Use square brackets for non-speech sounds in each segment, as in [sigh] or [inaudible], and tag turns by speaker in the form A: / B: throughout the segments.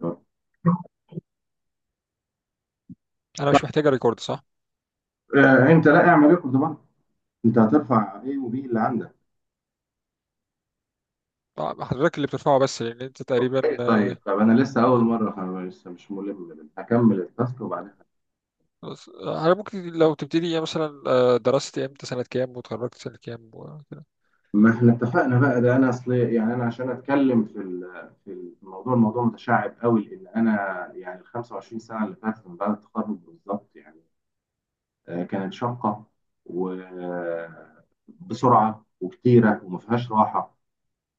A: طب.
B: انا مش محتاجه ريكورد، صح؟
A: انت، لا اعمل ايه طبعا. انت هترفع ايه وبي اللي عندك؟
B: حضرتك اللي بترفعه، بس لان انت تقريبا
A: طيب طيب طب، انا لسه اول
B: تمام.
A: مره. أنا لسه مش ملم بال- هكمل التاسك وبعدين
B: خلاص. انا ممكن لو تبتدي، يعني مثلا درست امتى، سنه كام، وتخرجت سنه كام، وكده.
A: ما احنا اتفقنا بقى ده. انا اصل يعني انا عشان اتكلم في الموضوع. الموضوع متشعب قوي، لان انا يعني ال 25 سنه اللي فاتت من بعد التخرج بالظبط يعني كانت شاقه وبسرعه وكتيره وما فيهاش راحه.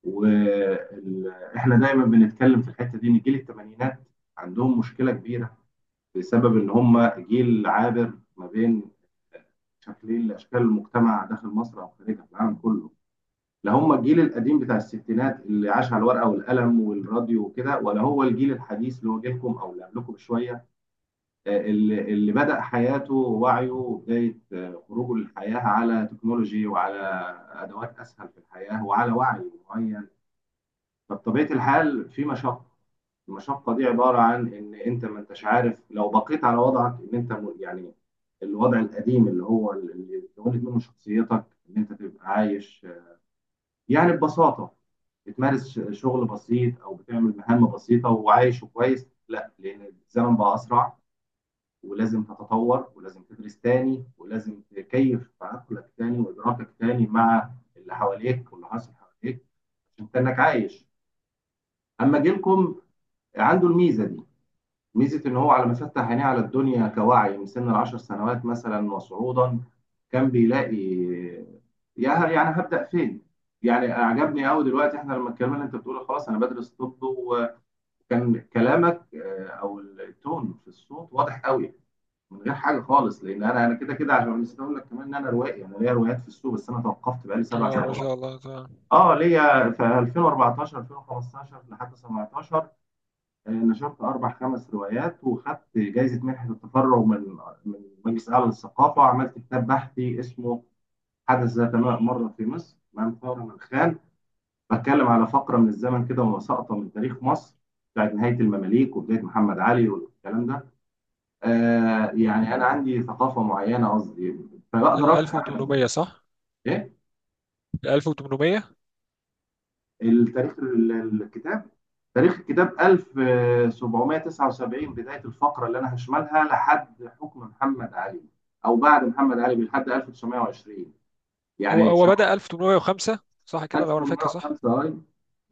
A: واحنا دايما بنتكلم في الحته دي، ان جيل الثمانينات عندهم مشكله كبيره بسبب ان هم جيل عابر ما بين شكلين لاشكال المجتمع داخل مصر او خارجها في العالم كله. لا هم الجيل القديم بتاع الستينات اللي عاش على الورقه والقلم والراديو وكده، ولا هو الجيل الحديث اللي هو جيلكم او اللي قبلكم بشويه. اللي بدا حياته ووعيه وبدايه خروجه للحياه على تكنولوجي وعلى ادوات اسهل في الحياه وعلى وعي معين. فبطبيعه الحال في مشقه. المشقة دي عبارة عن إن أنت ما أنتش عارف، لو بقيت على وضعك إن يعني الوضع القديم اللي هو اللي اتولد منه شخصيتك، إن أنت تبقى عايش يعني ببساطة، بتمارس شغل بسيط أو بتعمل مهام بسيطة وعايش كويس، لا، لأن الزمن بقى أسرع، ولازم تتطور، ولازم تدرس تاني، ولازم تكيف تعقلك تاني وإدراكك تاني مع اللي حواليك واللي حاصل حواليك، عشان تنك عايش. أما جيلكم، عنده الميزة دي. ميزة إن هو على ما فتح عينيه على الدنيا كوعي من سن العشر سنوات مثلا وصعودا، كان بيلاقي. يعني هبدأ فين؟ يعني أعجبني أوي دلوقتي إحنا لما اتكلمنا، أنت بتقول خلاص أنا بدرس طب، وكان كلامك أو التون في الصوت واضح أوي من غير حاجة خالص، لأن أنا كده كده، عشان نسيت أقول لك كمان إن أنا روائي، أنا ليا روايات في السوق، بس أنا توقفت بقالي سبع
B: اه، ما
A: سنوات.
B: شاء الله، تمام.
A: أه، ليا في 2014، 2015 لحد 17 نشرت أربع خمس روايات، وخدت جايزة منحة التفرغ من مجلس أعلى للثقافة، وعملت كتاب بحثي اسمه حدث ذات مرة في مصر، أمام ثورة من خان. بتكلم على فقرة من الزمن كده، وسقطة من تاريخ مصر بتاعت نهاية المماليك وبداية محمد علي والكلام ده. آه، يعني أنا عندي ثقافة معينة، قصدي فبقدر
B: ال
A: أفهم.
B: 1800، صح؟
A: إيه
B: ال 1800.
A: التاريخ الكتاب؟ تاريخ الكتاب 1779 بداية الفقرة اللي أنا هشملها لحد حكم محمد علي، أو بعد محمد علي لحد 1920،
B: هو
A: يعني
B: هو
A: شهر.
B: بدأ 1805، صح كده لو انا فاكر، صح؟
A: 1805، أي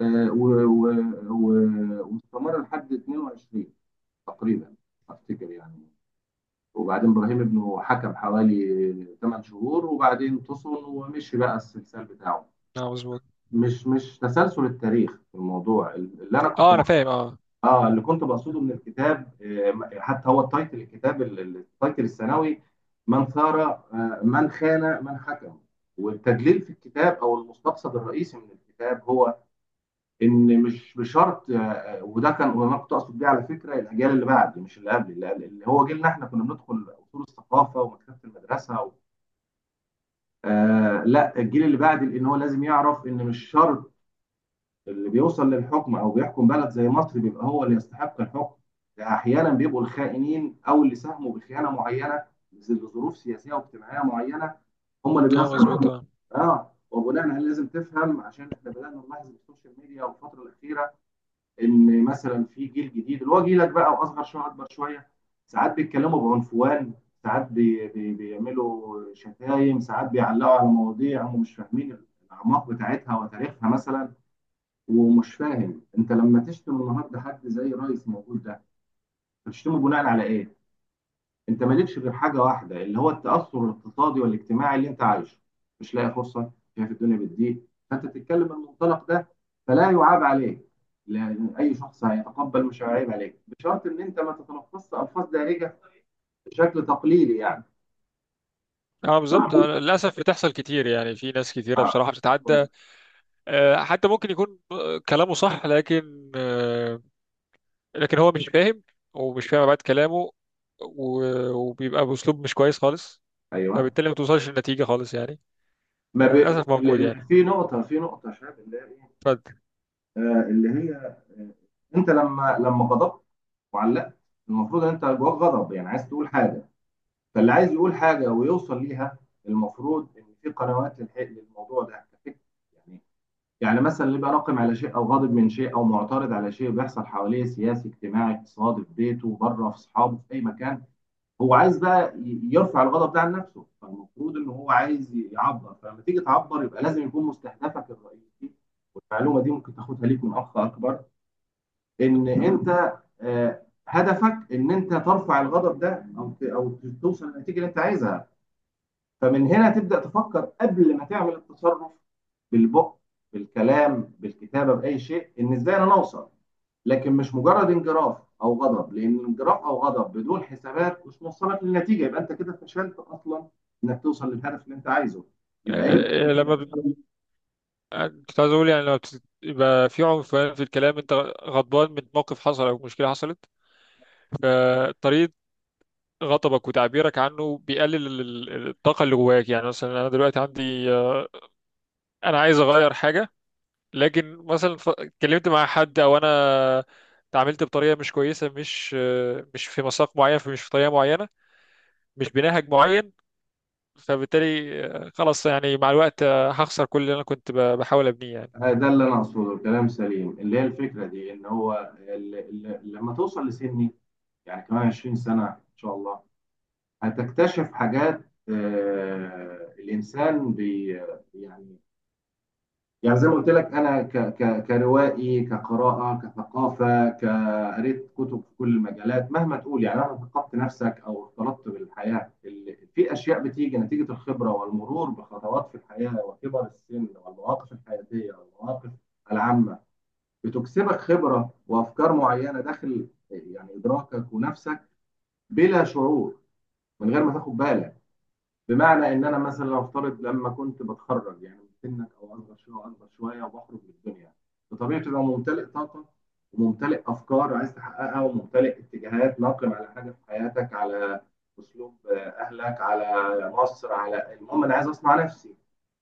A: واستمر لحد 22 تقريبا، أفتكر يعني. وبعدين إبراهيم ابنه حكم حوالي 8 شهور، وبعدين فصل ومشي بقى السلسال بتاعه.
B: اه، مظبوط.
A: مش تسلسل التاريخ في الموضوع اللي أنا كنت
B: اه، انا فاهم،
A: بحضره.
B: اه.
A: اه، اللي كنت بقصده من الكتاب، حتى هو التايتل، الكتاب التايتل الثانوي، من ثار، من خان، من حكم. والتدليل في الكتاب او المستقصد الرئيسي من الكتاب، هو ان مش بشرط، وده كان وانا كنت اقصد بيه على فكره الاجيال اللي بعد، مش اللي قبل. اللي هو جيلنا احنا كنا بندخل اصول الثقافه ومكتبه المدرسه و... آه لا، الجيل اللي بعد، لان هو لازم يعرف ان مش شرط اللي بيوصل للحكم او بيحكم بلد زي مصر بيبقى هو اللي يستحق الحكم. احيانا بيبقوا الخائنين، او اللي ساهموا بخيانه معينه لظروف سياسيه واجتماعيه معينه، هم اللي
B: اه، مظبوط،
A: بيصلوا.
B: اه.
A: اه، وبناء عليه لازم تفهم، عشان احنا بدانا نلاحظ في السوشيال ميديا والفتره الاخيره ان مثلا في جيل جديد اللي هو جيلك بقى، واصغر شويه اكبر شويه، ساعات بيتكلموا بعنفوان، ساعات بي بي بيعملوا شتايم، ساعات بيعلقوا على مواضيع هم مش فاهمين الاعماق بتاعتها وتاريخها مثلا. ومش فاهم انت لما تشتم النهارده حد زي رئيس موجود ده، بتشتمه بناء على ايه؟ انت مالكش غير حاجه واحده، اللي هو التاثر الاقتصادي والاجتماعي اللي انت عايشه، مش لاقي فرصه، شايف الدنيا بتضيق، فانت تتكلم من المنطلق ده، فلا يعاب عليك. لان اي شخص هيتقبل، مش هيعيب عليك، بشرط ان انت ما تتلفظش الفاظ دارجه بشكل تقليدي يعني.
B: اه، بالظبط. للاسف بتحصل كتير، يعني في ناس كتيره
A: آه.
B: بصراحه بتتعدى. حتى ممكن يكون كلامه صح، لكن لكن هو مش فاهم، ومش فاهم بعد كلامه، و... وبيبقى بأسلوب مش كويس خالص،
A: ايوه.
B: فبالتالي ما توصلش لنتيجة خالص، يعني.
A: ما ب...
B: للأسف
A: ال-
B: موجود،
A: ال-
B: يعني.
A: في نقطه، في نقطه، شايف اللي هي ايه،
B: اتفضل.
A: اللي هي انت لما غضبت وعلقت، المفروض ان انت جواك غضب، يعني عايز تقول حاجه، فاللي عايز يقول حاجه ويوصل ليها، المفروض ان في قنوات للموضوع ده كفكرة. يعني يعني مثلا اللي بقى ناقم على شيء، او غاضب من شيء، او معترض على شيء بيحصل حواليه، سياسي اجتماعي اقتصادي، في بيته، بره، في اصحابه، في اي مكان، هو عايز بقى يرفع الغضب ده عن نفسه، فالمفروض ان هو عايز يعبر. فلما تيجي تعبر، يبقى لازم يكون مستهدفك الرئيسي، والمعلومه دي ممكن تاخدها ليك من اخ اكبر، ان انت هدفك ان انت ترفع الغضب ده، او توصل للنتيجه اللي انت عايزها. فمن هنا تبدا تفكر قبل ما تعمل التصرف، بالبق، بالكلام، بالكتابه، باي شيء، ان ازاي انا اوصل. لكن مش مجرد انجراف او غضب، لان انجراف او غضب بدون حسابات مش موصلك للنتيجه، يبقى انت كده فشلت اصلا انك توصل للهدف اللي انت عايزه، يبقى ايه؟
B: آه، لما بت- كنت عايز أقول، يعني يبقى في عنف في الكلام. أنت غضبان من موقف حصل أو مشكلة حصلت، فطريقة غضبك وتعبيرك عنه بيقلل الطاقة اللي جواك. يعني مثلا أنا دلوقتي عندي، أنا عايز أغير حاجة، لكن مثلا اتكلمت مع حد، او انا اتعاملت بطريقه مش كويسه، مش في مساق معين، مش في طريقه معينه، مش بنهج معين. فبالتالي خلاص، يعني مع الوقت هخسر كل اللي انا كنت بحاول ابنيه، يعني.
A: ده اللي انا اقصده، الكلام سليم. اللي هي الفكره دي ان هو لما توصل لسن، يعني كمان 20 سنة إن شاء الله، هتكتشف حاجات. الإنسان بي يعني يعني زي ما قلت لك، أنا ك ك كروائي، كقراءة، كثقافة، كقريت كتب في كل المجالات، مهما تقول يعني، مهما ثقفت نفسك أو اختلطت بالحياة، في أشياء بتيجي نتيجة الخبرة والمرور بخطوات في الحياة وكبر السن والمواقف الحياتية والمواقف العامة، بتكسبك خبرة وأفكار معينة داخل يعني إدراكك ونفسك بلا شعور، من غير ما تاخد بالك. بمعنى ان انا مثلا لو افترض لما كنت بتخرج، يعني من سنك او اصغر شويه واكبر شويه، وبخرج من الدنيا بطبيعتي بقى، ممتلئ طاقه وممتلئ افكار عايز تحققها، وممتلئ اتجاهات، ناقم على حاجه في حياتك، على اسلوب اهلك، على مصر، على المهم انا عايز اصنع نفسي،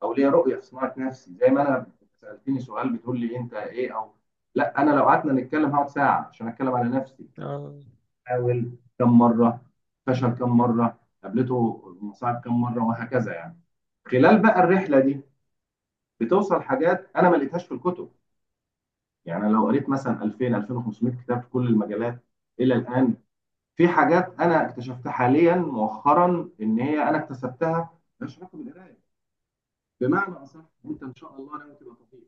A: او ليا رؤيه في صناعه نفسي. زي ما انا سالتني سؤال بتقول لي انت ايه، او لا، انا لو قعدنا نتكلم هقعد ساعه عشان اتكلم على نفسي.
B: آه،
A: حاول كم مره، فشل كم مره، قابلته مصاعب كم مره، وهكذا يعني. خلال بقى الرحله دي بتوصل حاجات انا ما لقيتهاش في الكتب. يعني أنا لو قريت مثلا 2000، 2500 كتاب في كل المجالات الى الان، في حاجات انا اكتشفتها حاليا مؤخرا ان هي انا اكتسبتها، مالهاش علاقه بالقرايه. بمعنى اصح، انت ان شاء الله ناوي تبقى طبيب،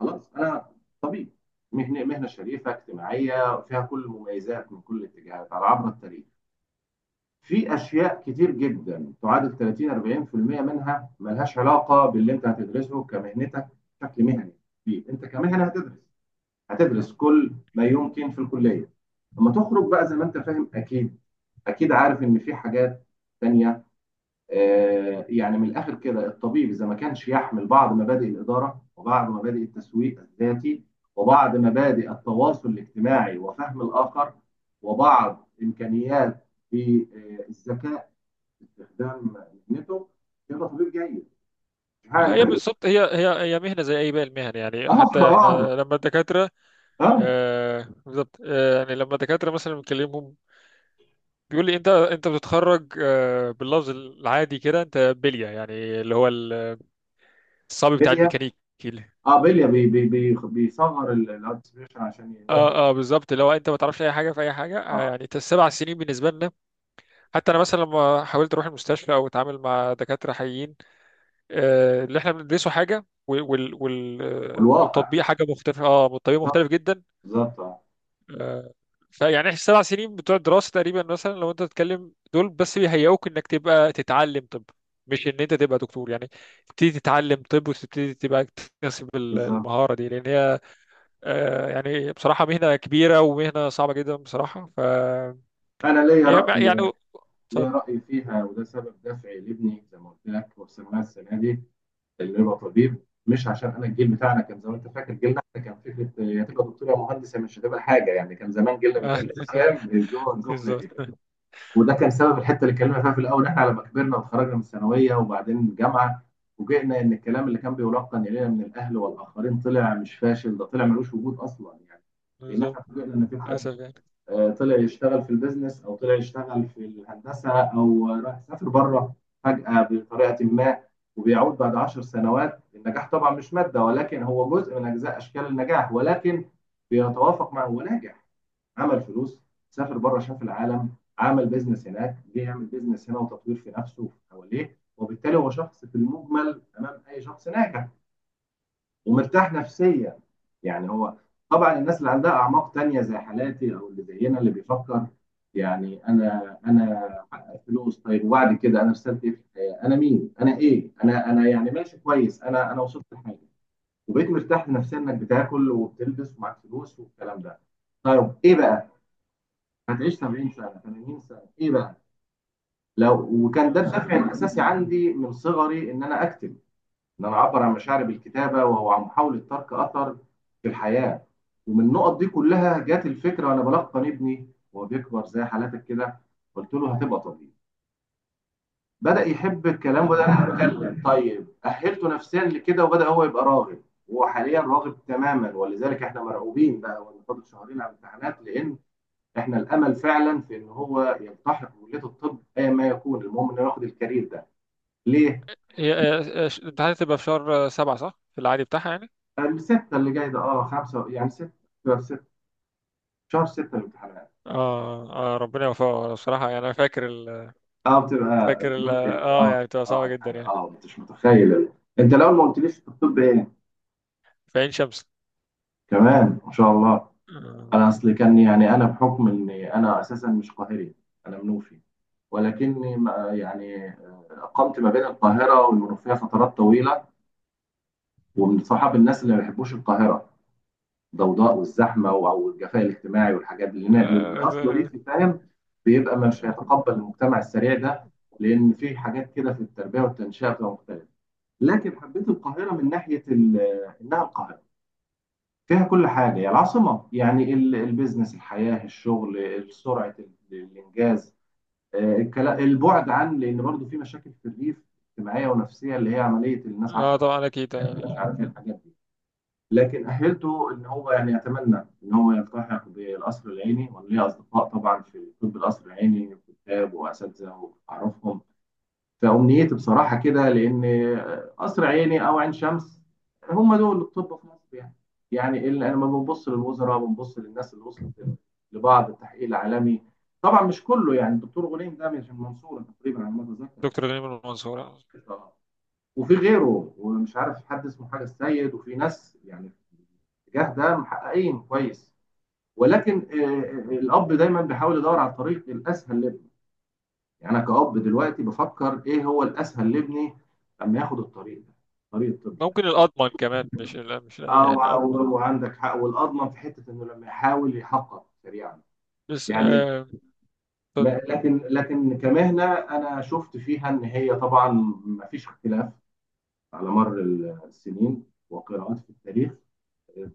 A: خلاص. انا طبيب، مهنه شريفه اجتماعيه فيها كل المميزات من كل الاتجاهات على عبر التاريخ. في اشياء كتير جدا تعادل 30 40% منها ملهاش علاقه باللي انت هتدرسه كمهنتك بشكل مهني فيه. انت كمهنه هتدرس، هتدرس كل ما يمكن في الكليه. لما تخرج بقى زي ما انت فاهم، اكيد اكيد عارف ان في حاجات تانية. آه يعني من الاخر كده، الطبيب اذا ما كانش يحمل بعض مبادئ الاداره، وبعض مبادئ التسويق الذاتي، وبعض مبادئ التواصل الاجتماعي وفهم الاخر، وبعض امكانيات في الذكاء، استخدام اذنته كده، تطوير جيد، مش حاجه
B: هي
A: كده.
B: بالظبط، هي مهنه زي اي باقي المهن، يعني
A: اه،
B: حتى
A: واحده.
B: احنا لما الدكاتره.
A: اه،
B: بالظبط. يعني لما الدكاتره مثلا بنكلمهم، بيقول لي انت بتتخرج، باللفظ العادي كده انت بليه، يعني، اللي هو الصبي بتاع
A: بليا.
B: الميكانيك.
A: اه بليا، بي بي بي بيصغر الارتسبيشن عشان يوضح.
B: اه، اه، بالظبط. لو انت ما تعرفش اي حاجه في اي حاجه،
A: اه،
B: يعني أنت السبع سنين بالنسبه لنا، حتى انا مثلا لما حاولت اروح المستشفى او اتعامل مع دكاتره حقيقيين. اللي احنا بندرسه حاجه،
A: والواقع
B: والتطبيق حاجه مختلفه. اه، والتطبيق
A: بالظبط،
B: مختلف جدا.
A: بالظبط، اه
B: آه، فيعني احنا السبع سنين بتوع الدراسه تقريبا، مثلا لو انت تتكلم، دول بس بيهيئوك انك تبقى تتعلم طب، مش ان انت تبقى دكتور يعني. تبتدي تتعلم طب، وتبتدي تبقى تكتسب
A: بالظبط.
B: المهاره دي، لان هي يعني، بصراحة مهنة كبيرة ومهنة صعبة جدا بصراحة.
A: انا ليا
B: يعني
A: راي، ليا
B: اتفضل.
A: راي فيها، وده سبب دافعي لابني زي ما قلت لك وسمناه السنه دي، اللي هو طبيب. مش عشان انا الجيل بتاعنا كان زي ما انت فاكر، جيلنا احنا كان فكره يا تبقى دكتور يا مهندس يا مش هتبقى حاجه، يعني كان زمان جيلنا
B: آه،
A: بيتقال لنا ايام
B: [laughs]
A: الجمله دي.
B: بالظبط،
A: وده كان سبب الحته اللي اتكلمنا فيها في الاول، ان احنا لما كبرنا وتخرجنا من الثانويه وبعدين الجامعه، فوجئنا ان الكلام اللي كان بيلقن الينا من الاهل والاخرين طلع مش فاشل، ده طلع ملوش وجود اصلا يعني. لان
B: بالظبط.
A: احنا فوجئنا ان في حد
B: للأسف، يعني.
A: طلع يشتغل في البيزنس، او طلع يشتغل في الهندسه، او راح سافر بره فجاه بطريقه ما، وبيعود بعد عشر سنوات. النجاح طبعا مش ماده، ولكن هو جزء من اجزاء اشكال النجاح، ولكن بيتوافق مع هو ناجح، عمل فلوس، سافر بره، شاف العالم، عمل بيزنس هناك، جه يعمل بيزنس هنا، وتطوير في نفسه وفي حواليه، وبالتالي هو شخص في المجمل امام اي شخص ناجح ومرتاح نفسيا. يعني هو طبعا الناس اللي عندها اعماق تانية زي حالاتي، او اللي زينا اللي بيفكر يعني، انا حقق فلوس طيب، وبعد كده انا رسالتي ايه في الحياه؟ انا مين؟ انا ايه؟ انا يعني ماشي كويس، انا وصلت لحاجه، وبقيت مرتاح نفسيا، انك بتاكل وبتلبس ومعاك فلوس والكلام ده. طيب، ايه بقى؟ هتعيش 70 سنه، 80 سنه، ايه بقى؟ لو وكان ده الدافع
B: بالظبط.
A: الاساسي عندي من صغري، ان انا اكتب، ان انا اعبر عن مشاعري بالكتابه، وهو عن محاوله ترك اثر في الحياه. ومن النقط دي كلها جات الفكره، وانا بلقن ابني وهو بيكبر زي حالاتك كده. قلت له هتبقى طبيب. بدا يحب الكلام وبدا
B: ربنا يوفقك.
A: يتكلم، طيب اهلته نفسيا لكده وبدا هو يبقى راغب. وهو حاليا راغب تماما، ولذلك احنا مرعوبين بقى، وإن فاضل شهرين على الامتحانات، لان احنا الامل فعلا في ان هو يلتحق بكليه الطب، ايا ما يكون، المهم انه ياخد الكارير ده. ليه؟
B: هي، الامتحانات تبقى في شهر سبعة، صح؟ في العادي بتاعها، يعني؟
A: الستة اللي جاي ده، خمسة يعني ستة. شهر ستة. شهر ستة الامتحانات.
B: اه، اه، ربنا يوفقه بصراحة. يعني أنا
A: اه بتبقى لغة ال
B: اه،
A: اه
B: يعني بتبقى
A: اه
B: صعبة جدا،
A: الحاجة،
B: يعني.
A: مش متخيل انت لو ما قلتليش في الطب ايه،
B: في عين شمس.
A: كمان ما شاء الله.
B: الله
A: انا اصلي
B: يكرمك.
A: كان، يعني انا بحكم اني انا اساسا مش قاهري، انا منوفي. ولكني ما- يعني اقمت ما بين القاهرة والمنوفية فترات طويلة. ومن صحاب الناس اللي ما بيحبوش القاهرة، الضوضاء والزحمه او الجفاء الاجتماعي والحاجات دي، لأن
B: آه،
A: اصله
B: ده-
A: ريفي، فاهم؟ بيبقى مش هيتقبل المجتمع السريع ده، لان في حاجات كده في التربيه والتنشئه بتبقى مختلفه. لكن حبيت القاهره من ناحيه انها القاهره، فيها كل حاجه، هي العاصمه يعني، البيزنس، الحياه، الشغل، سرعه الانجاز. البعد عن، لان برضه في مشاكل في الريف اجتماعيه ونفسيه، اللي هي عمليه الناس
B: اه،
A: عارفه،
B: طبعا اكيد.
A: مش عارف ايه الحاجات دي. لكن أهلته إن هو يعني يتمنى إن هو يلتحق بالقصر العيني، وأنا ليا أصدقاء طبعا في طب القصر العيني، كتاب وأساتذة وأعرفهم. فأمنيتي بصراحة كده، لأن قصر عيني أو عين شمس، هم دول الطب في مصر يعني. يعني اللي لما بنبص للوزراء، بنبص للناس اللي وصلت لبعض التحقيق العالمي. طبعا مش كله، يعني الدكتور غليم ده من المنصورة تقريبا على ما أتذكر،
B: دكتور غنيم المنصور.
A: وفي غيره، ومش عارف حد اسمه حاجة السيد، وفي ناس يعني الاتجاه ده محققين كويس. ولكن الاب دايما بيحاول يدور على الطريق الاسهل لابنه. يعني انا كاب دلوقتي بفكر ايه هو الاسهل لابني لما ياخد الطريق ده، طريق الطب ده.
B: ممكن الاضمن كمان، مش، لا، مش، لا،
A: اه
B: يعني
A: وع-
B: الاضمن.
A: و- وعندك حق. والاضمن في حته انه لما يحاول يحقق سريعا
B: بس
A: يعني.
B: طب-
A: لكن كمهنه انا شفت فيها ان هي طبعا ما فيش اختلاف، على مر السنين وقراءات في التاريخ،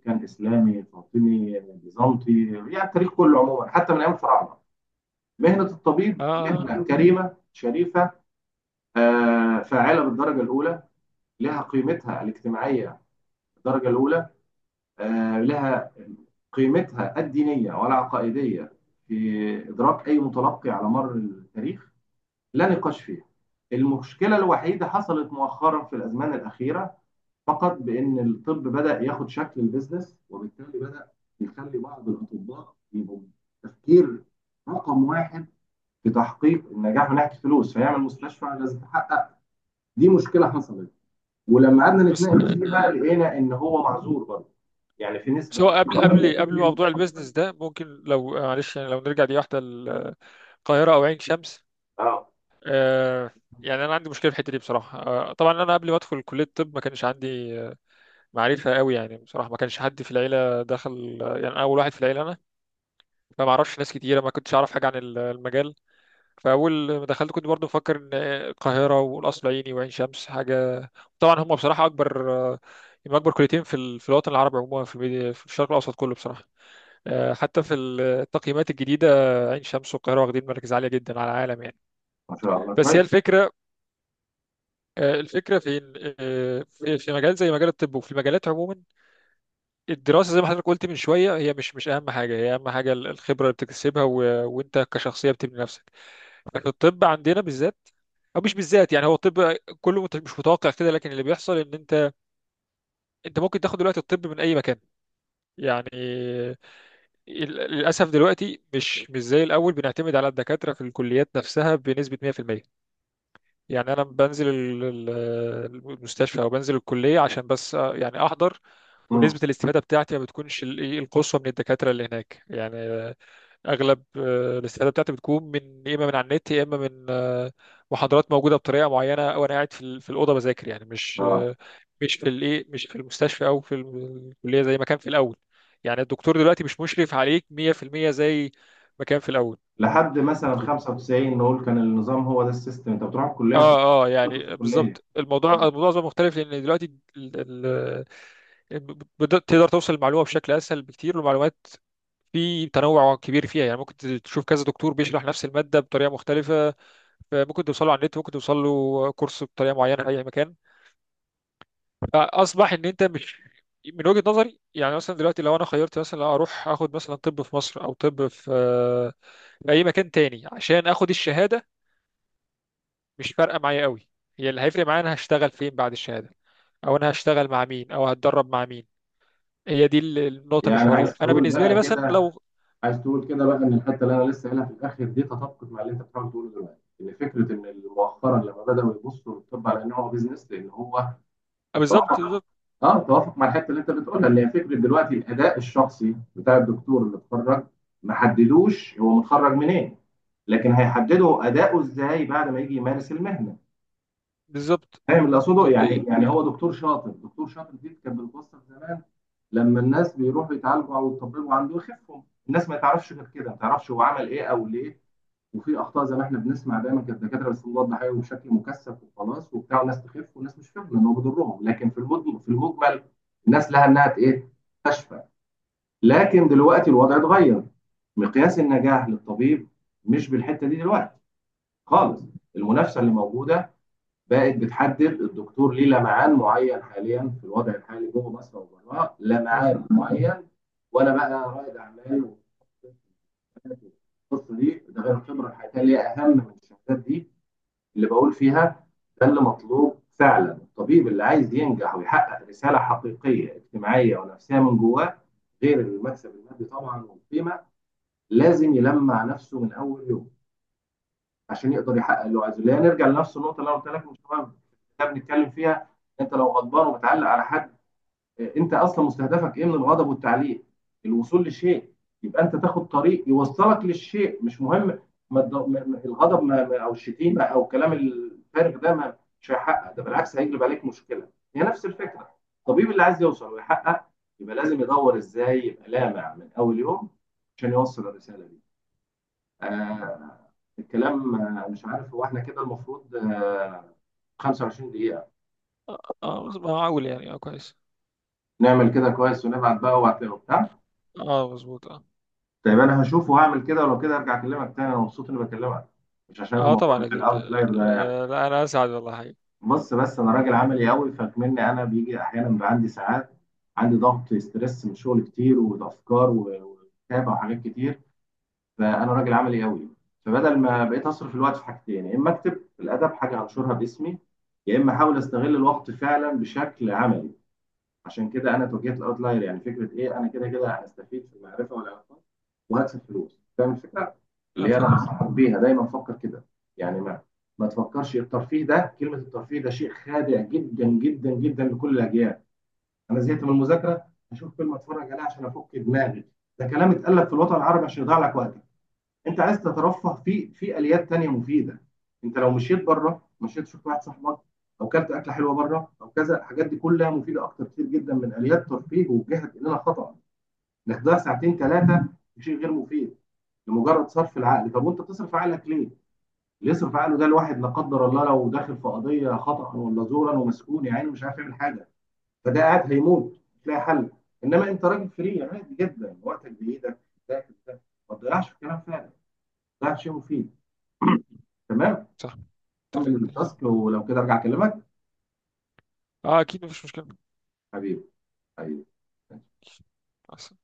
A: كان اسلامي، فاطمي، بيزنطي، يعني التاريخ كله عموما حتى من ايام الفراعنه، مهنة الطبيب
B: آه آه،
A: مهنة كريمة شريفة. فاعلة بالدرجة الأولى، لها قيمتها الاجتماعية بالدرجة الأولى. لها قيمتها الدينية والعقائدية في إدراك أي متلقي على مر التاريخ، لا نقاش فيها. المشكلة الوحيدة حصلت مؤخرا في الأزمان الأخيرة فقط، بأن الطب بدأ ياخد شكل البزنس، وبالتالي بدأ يخلي بعض الأطباء يبقوا تفكير رقم واحد في تحقيق النجاح من ناحيه الفلوس، فيعمل مستشفى لازم تحقق. دي مشكله حصلت، ولما قعدنا
B: بس
A: نتناقش فيها لقينا ان هو معذور برضه. يعني في
B: بس
A: نسبه
B: هو
A: من،
B: قبل، موضوع البيزنس ده، ممكن لو معلش، يعني لو نرجع، دي واحدة، القاهرة أو عين شمس.
A: اه
B: آه. يعني أنا عندي مشكلة في الحتة دي بصراحة. طبعا أنا قبل ما أدخل كلية الطب ما كانش عندي معرفة قوي، يعني بصراحة ما كانش حد في العيلة دخل، يعني أنا أول واحد في العيلة. أنا فما أعرفش ناس كتيرة، ما كنتش أعرف حاجة عن المجال. فاول ما دخلت كنت برضو مفكر ان القاهره والقصر العيني وعين شمس حاجه. طبعا هم بصراحه اكبر. هم اكبر كليتين في الوطن العربي عموما، في الميديا، في الشرق الاوسط كله بصراحه. حتى في التقييمات الجديده، عين شمس والقاهره واخدين مراكز عاليه جدا على العالم، يعني.
A: ما شاء الله
B: بس هي
A: كويس.
B: الفكره، الفكره في في في مجال زي مجال الطب، وفي المجالات عموما. الدراسه، زي ما حضرتك قلت من شويه، هي مش اهم حاجه. هي اهم حاجه الخبره اللي بتكتسبها، وانت كشخصيه بتبني نفسك. في الطب عندنا بالذات، او مش بالذات، يعني هو الطب كله مش متوقع كده. لكن اللي بيحصل ان انت ممكن تاخد دلوقتي الطب من اي مكان. يعني ال- للاسف دلوقتي مش زي الاول بنعتمد على الدكاتره في الكليات نفسها بنسبه 100%. يعني انا بنزل المستشفى، او بنزل الكليه عشان بس، يعني احضر.
A: امم.
B: ونسبه الاستفاده بتاعتي ما بتكونش ال- إيه، القصوى من الدكاتره اللي هناك، يعني. اغلب الاستفاده بتاعتي بتكون من، يا اما من على النت، يا اما من محاضرات موجوده بطريقه معينه، او انا قاعد في الاوضه بذاكر، يعني مش
A: اه
B: مش في الايه مش في المستشفى، او الكليه زي ما كان في الاول. يعني الدكتور دلوقتي مش مشرف عليك 100% زي ما كان في الاول.
A: لحد مثلا 95 نقول، كان النظام هو ده السيستم، انت بتروح الكليه وبتتعلم
B: اه، اه،
A: طب في
B: يعني
A: الكليه.
B: بالظبط. الموضوع
A: اه
B: الموضوع أصبح مختلف، لان دلوقتي ال- تقدر توصل المعلومه بشكل اسهل بكتير. والمعلومات في تنوع كبير فيها، يعني ممكن تشوف كذا دكتور بيشرح نفس الماده بطريقه مختلفه، ممكن توصله على النت، ممكن توصله كورس بطريقه معينه في اي مكان. فاصبح ان انت مش، من وجهه نظري، يعني مثلا دلوقتي لو انا خيرت، مثلا لو اروح اخد مثلا طب في مصر او طب في اي مكان تاني عشان اخد الشهاده، مش فارقه معايا قوي. هي اللي هيفرق معايا، انا هشتغل فين بعد الشهاده، او انا هشتغل مع مين، او هتدرب مع مين. هي دي النقطه
A: يعني عايز
B: المحوريه، فانا
A: تقول
B: بالنسبه لي
A: بقى
B: مثلا
A: كده،
B: لو،
A: عايز تقول كده بقى، ان الحته اللي انا لسه قايلها في الاخر دي تطابقت مع اللي انت بتحاول تقوله دلوقتي، ان فكره ان مؤخرا لما بداوا يبصوا للطب على ان هو بيزنس، لان هو
B: بالظبط،
A: توافق.
B: بالظبط،
A: اه توافق مع الحته اللي انت بتقولها، اللي هي فكره دلوقتي الاداء الشخصي بتاع الدكتور اللي اتخرج، ما حددوش هو متخرج منين، لكن هيحددوا اداؤه ازاي بعد ما يجي يمارس المهنه.
B: بالظبط،
A: فاهم اللي اقصده
B: بالظبط، ايه.
A: يعني؟ يعني هو دكتور شاطر، دكتور شاطر دي كانت بتوصف زمان لما الناس بيروحوا يتعالجوا او يطببوا عنده يخفهم، الناس ما تعرفش غير كده، ما تعرفش هو عمل ايه او ليه. وفي اخطاء زي ما احنا بنسمع دايما، كانت الدكاتره بيصلوا الضحايا بشكل مكثف وخلاص وبتاع، وناس تخف وناس مش فاهمه ان هو بيضرهم، لكن في المجمل، في المجمل، الناس لها انها ت- ايه تشفى. لكن دلوقتي الوضع اتغير، مقياس النجاح للطبيب مش بالحته دي دلوقتي خالص. المنافسه اللي موجوده بقت بتحدد الدكتور، ليه لمعان معين حاليا في الوضع الحالي جوه مصر وبره،
B: اه،
A: لمعان معين. وانا بقى رائد اعمال، والقصه دي، ده غير الخبره الحياتيه اللي هي اهم من الشهادات دي اللي بقول فيها. ده اللي مطلوب فعلا، الطبيب اللي عايز ينجح ويحقق رسالة حقيقية اجتماعية ونفسية من جواه، غير المكسب المادي طبعا والقيمة، لازم يلمع نفسه من أول يوم عشان يقدر يحقق اللي هو عايزه. لا، نرجع لنفس النقطة اللي أنا قلت لك من شوية بنتكلم فيها، أنت لو غضبان وبتعلق على حد، انت اصلا مستهدفك ايه من الغضب والتعليق؟ الوصول لشيء، يبقى انت تاخد طريق يوصلك للشيء، مش مهم. ما الض- ما- ما- الغضب، او الشتيمه او الكلام الفارغ ده، ما مش هيحقق ده، بالعكس هيجلب عليك مشكله. هي نفس الفكره، الطبيب اللي عايز يوصل ويحقق، يبقى لازم يدور ازاي يبقى لامع من اول يوم عشان يوصل الرساله دي. آه الكلام، مش عارف هو احنا كده المفروض، 25 دقيقه؟
B: ما اقول يعني، اه كويس.
A: نعمل كده كويس ونبعت بقى وبتاع.
B: اه، مظبوط، اه.
A: طيب انا هشوف وهعمل كده، ولو كده ارجع اكلمك تاني. انا مبسوط اني بكلمك، مش عشان
B: اه،
A: الموضوع
B: طبعا
A: بتاع
B: اكيد.
A: الاوتلاير ده يعني.
B: لا، انا اسعد والله حقيقي.
A: بص، بس انا راجل عملي قوي، فكمني انا بيجي احيانا بيبقى عندي ساعات، عندي ضغط ستريس من شغل كتير، وافكار وكتابه وحاجات كتير، فانا راجل عملي قوي. فبدل ما بقيت اصرف الوقت في حاجتين، يا اما اكتب الادب، حاجه هنشرها باسمي، يا اما احاول استغل الوقت فعلا بشكل عملي. عشان كده انا توجهت الاوتلاير، يعني فكره ايه؟ انا كده كده هستفيد في المعرفه والعلاقات، وهكسب فلوس. فاهم الفكره؟ اللي
B: اه،
A: هي انا
B: فاهم.
A: بنصحك بيها دايما، فكر كده. يعني ما تفكرش الترفيه ده. كلمه الترفيه ده شيء خادع جدا جدا جدا لكل الاجيال. انا زهقت من المذاكره، هشوف فيلم اتفرج عليه عشان افك دماغي، ده كلام اتقال لك في الوطن العربي عشان يضيع لك وقتك. انت عايز تترفه، في في اليات تانية مفيده. انت لو مشيت بره، مشيت شفت واحد صاحبك، او كلت اكله حلوه بره، او كذا، الحاجات دي كلها مفيده اكتر كتير جدا من اليات ترفيه وجهت الينا خطا، انك تضيع ساعتين ثلاثه في شيء غير مفيد لمجرد صرف العقل. طب وانت بتصرف عقلك ليه؟ اللي يصرف عقله ده الواحد، لا قدر الله، لو داخل في قضيه خطا ولا زورا ومسكون، يا عيني مش عارف يعمل حاجه، فده قاعد هيموت مش لاقي حل. انما انت راجل فري عادي جدا، وقتك بايدك. ده ده ما تضيعش في كلام فارغ، تضيع في شيء مفيد. [clears throat] تمام،
B: صح. اتفق
A: كمل
B: جدا، صح.
A: التاسك ولو كده ارجع اكلمك.
B: اه، اكيد مفيش
A: حبيبي، حبيبي.
B: مشكله.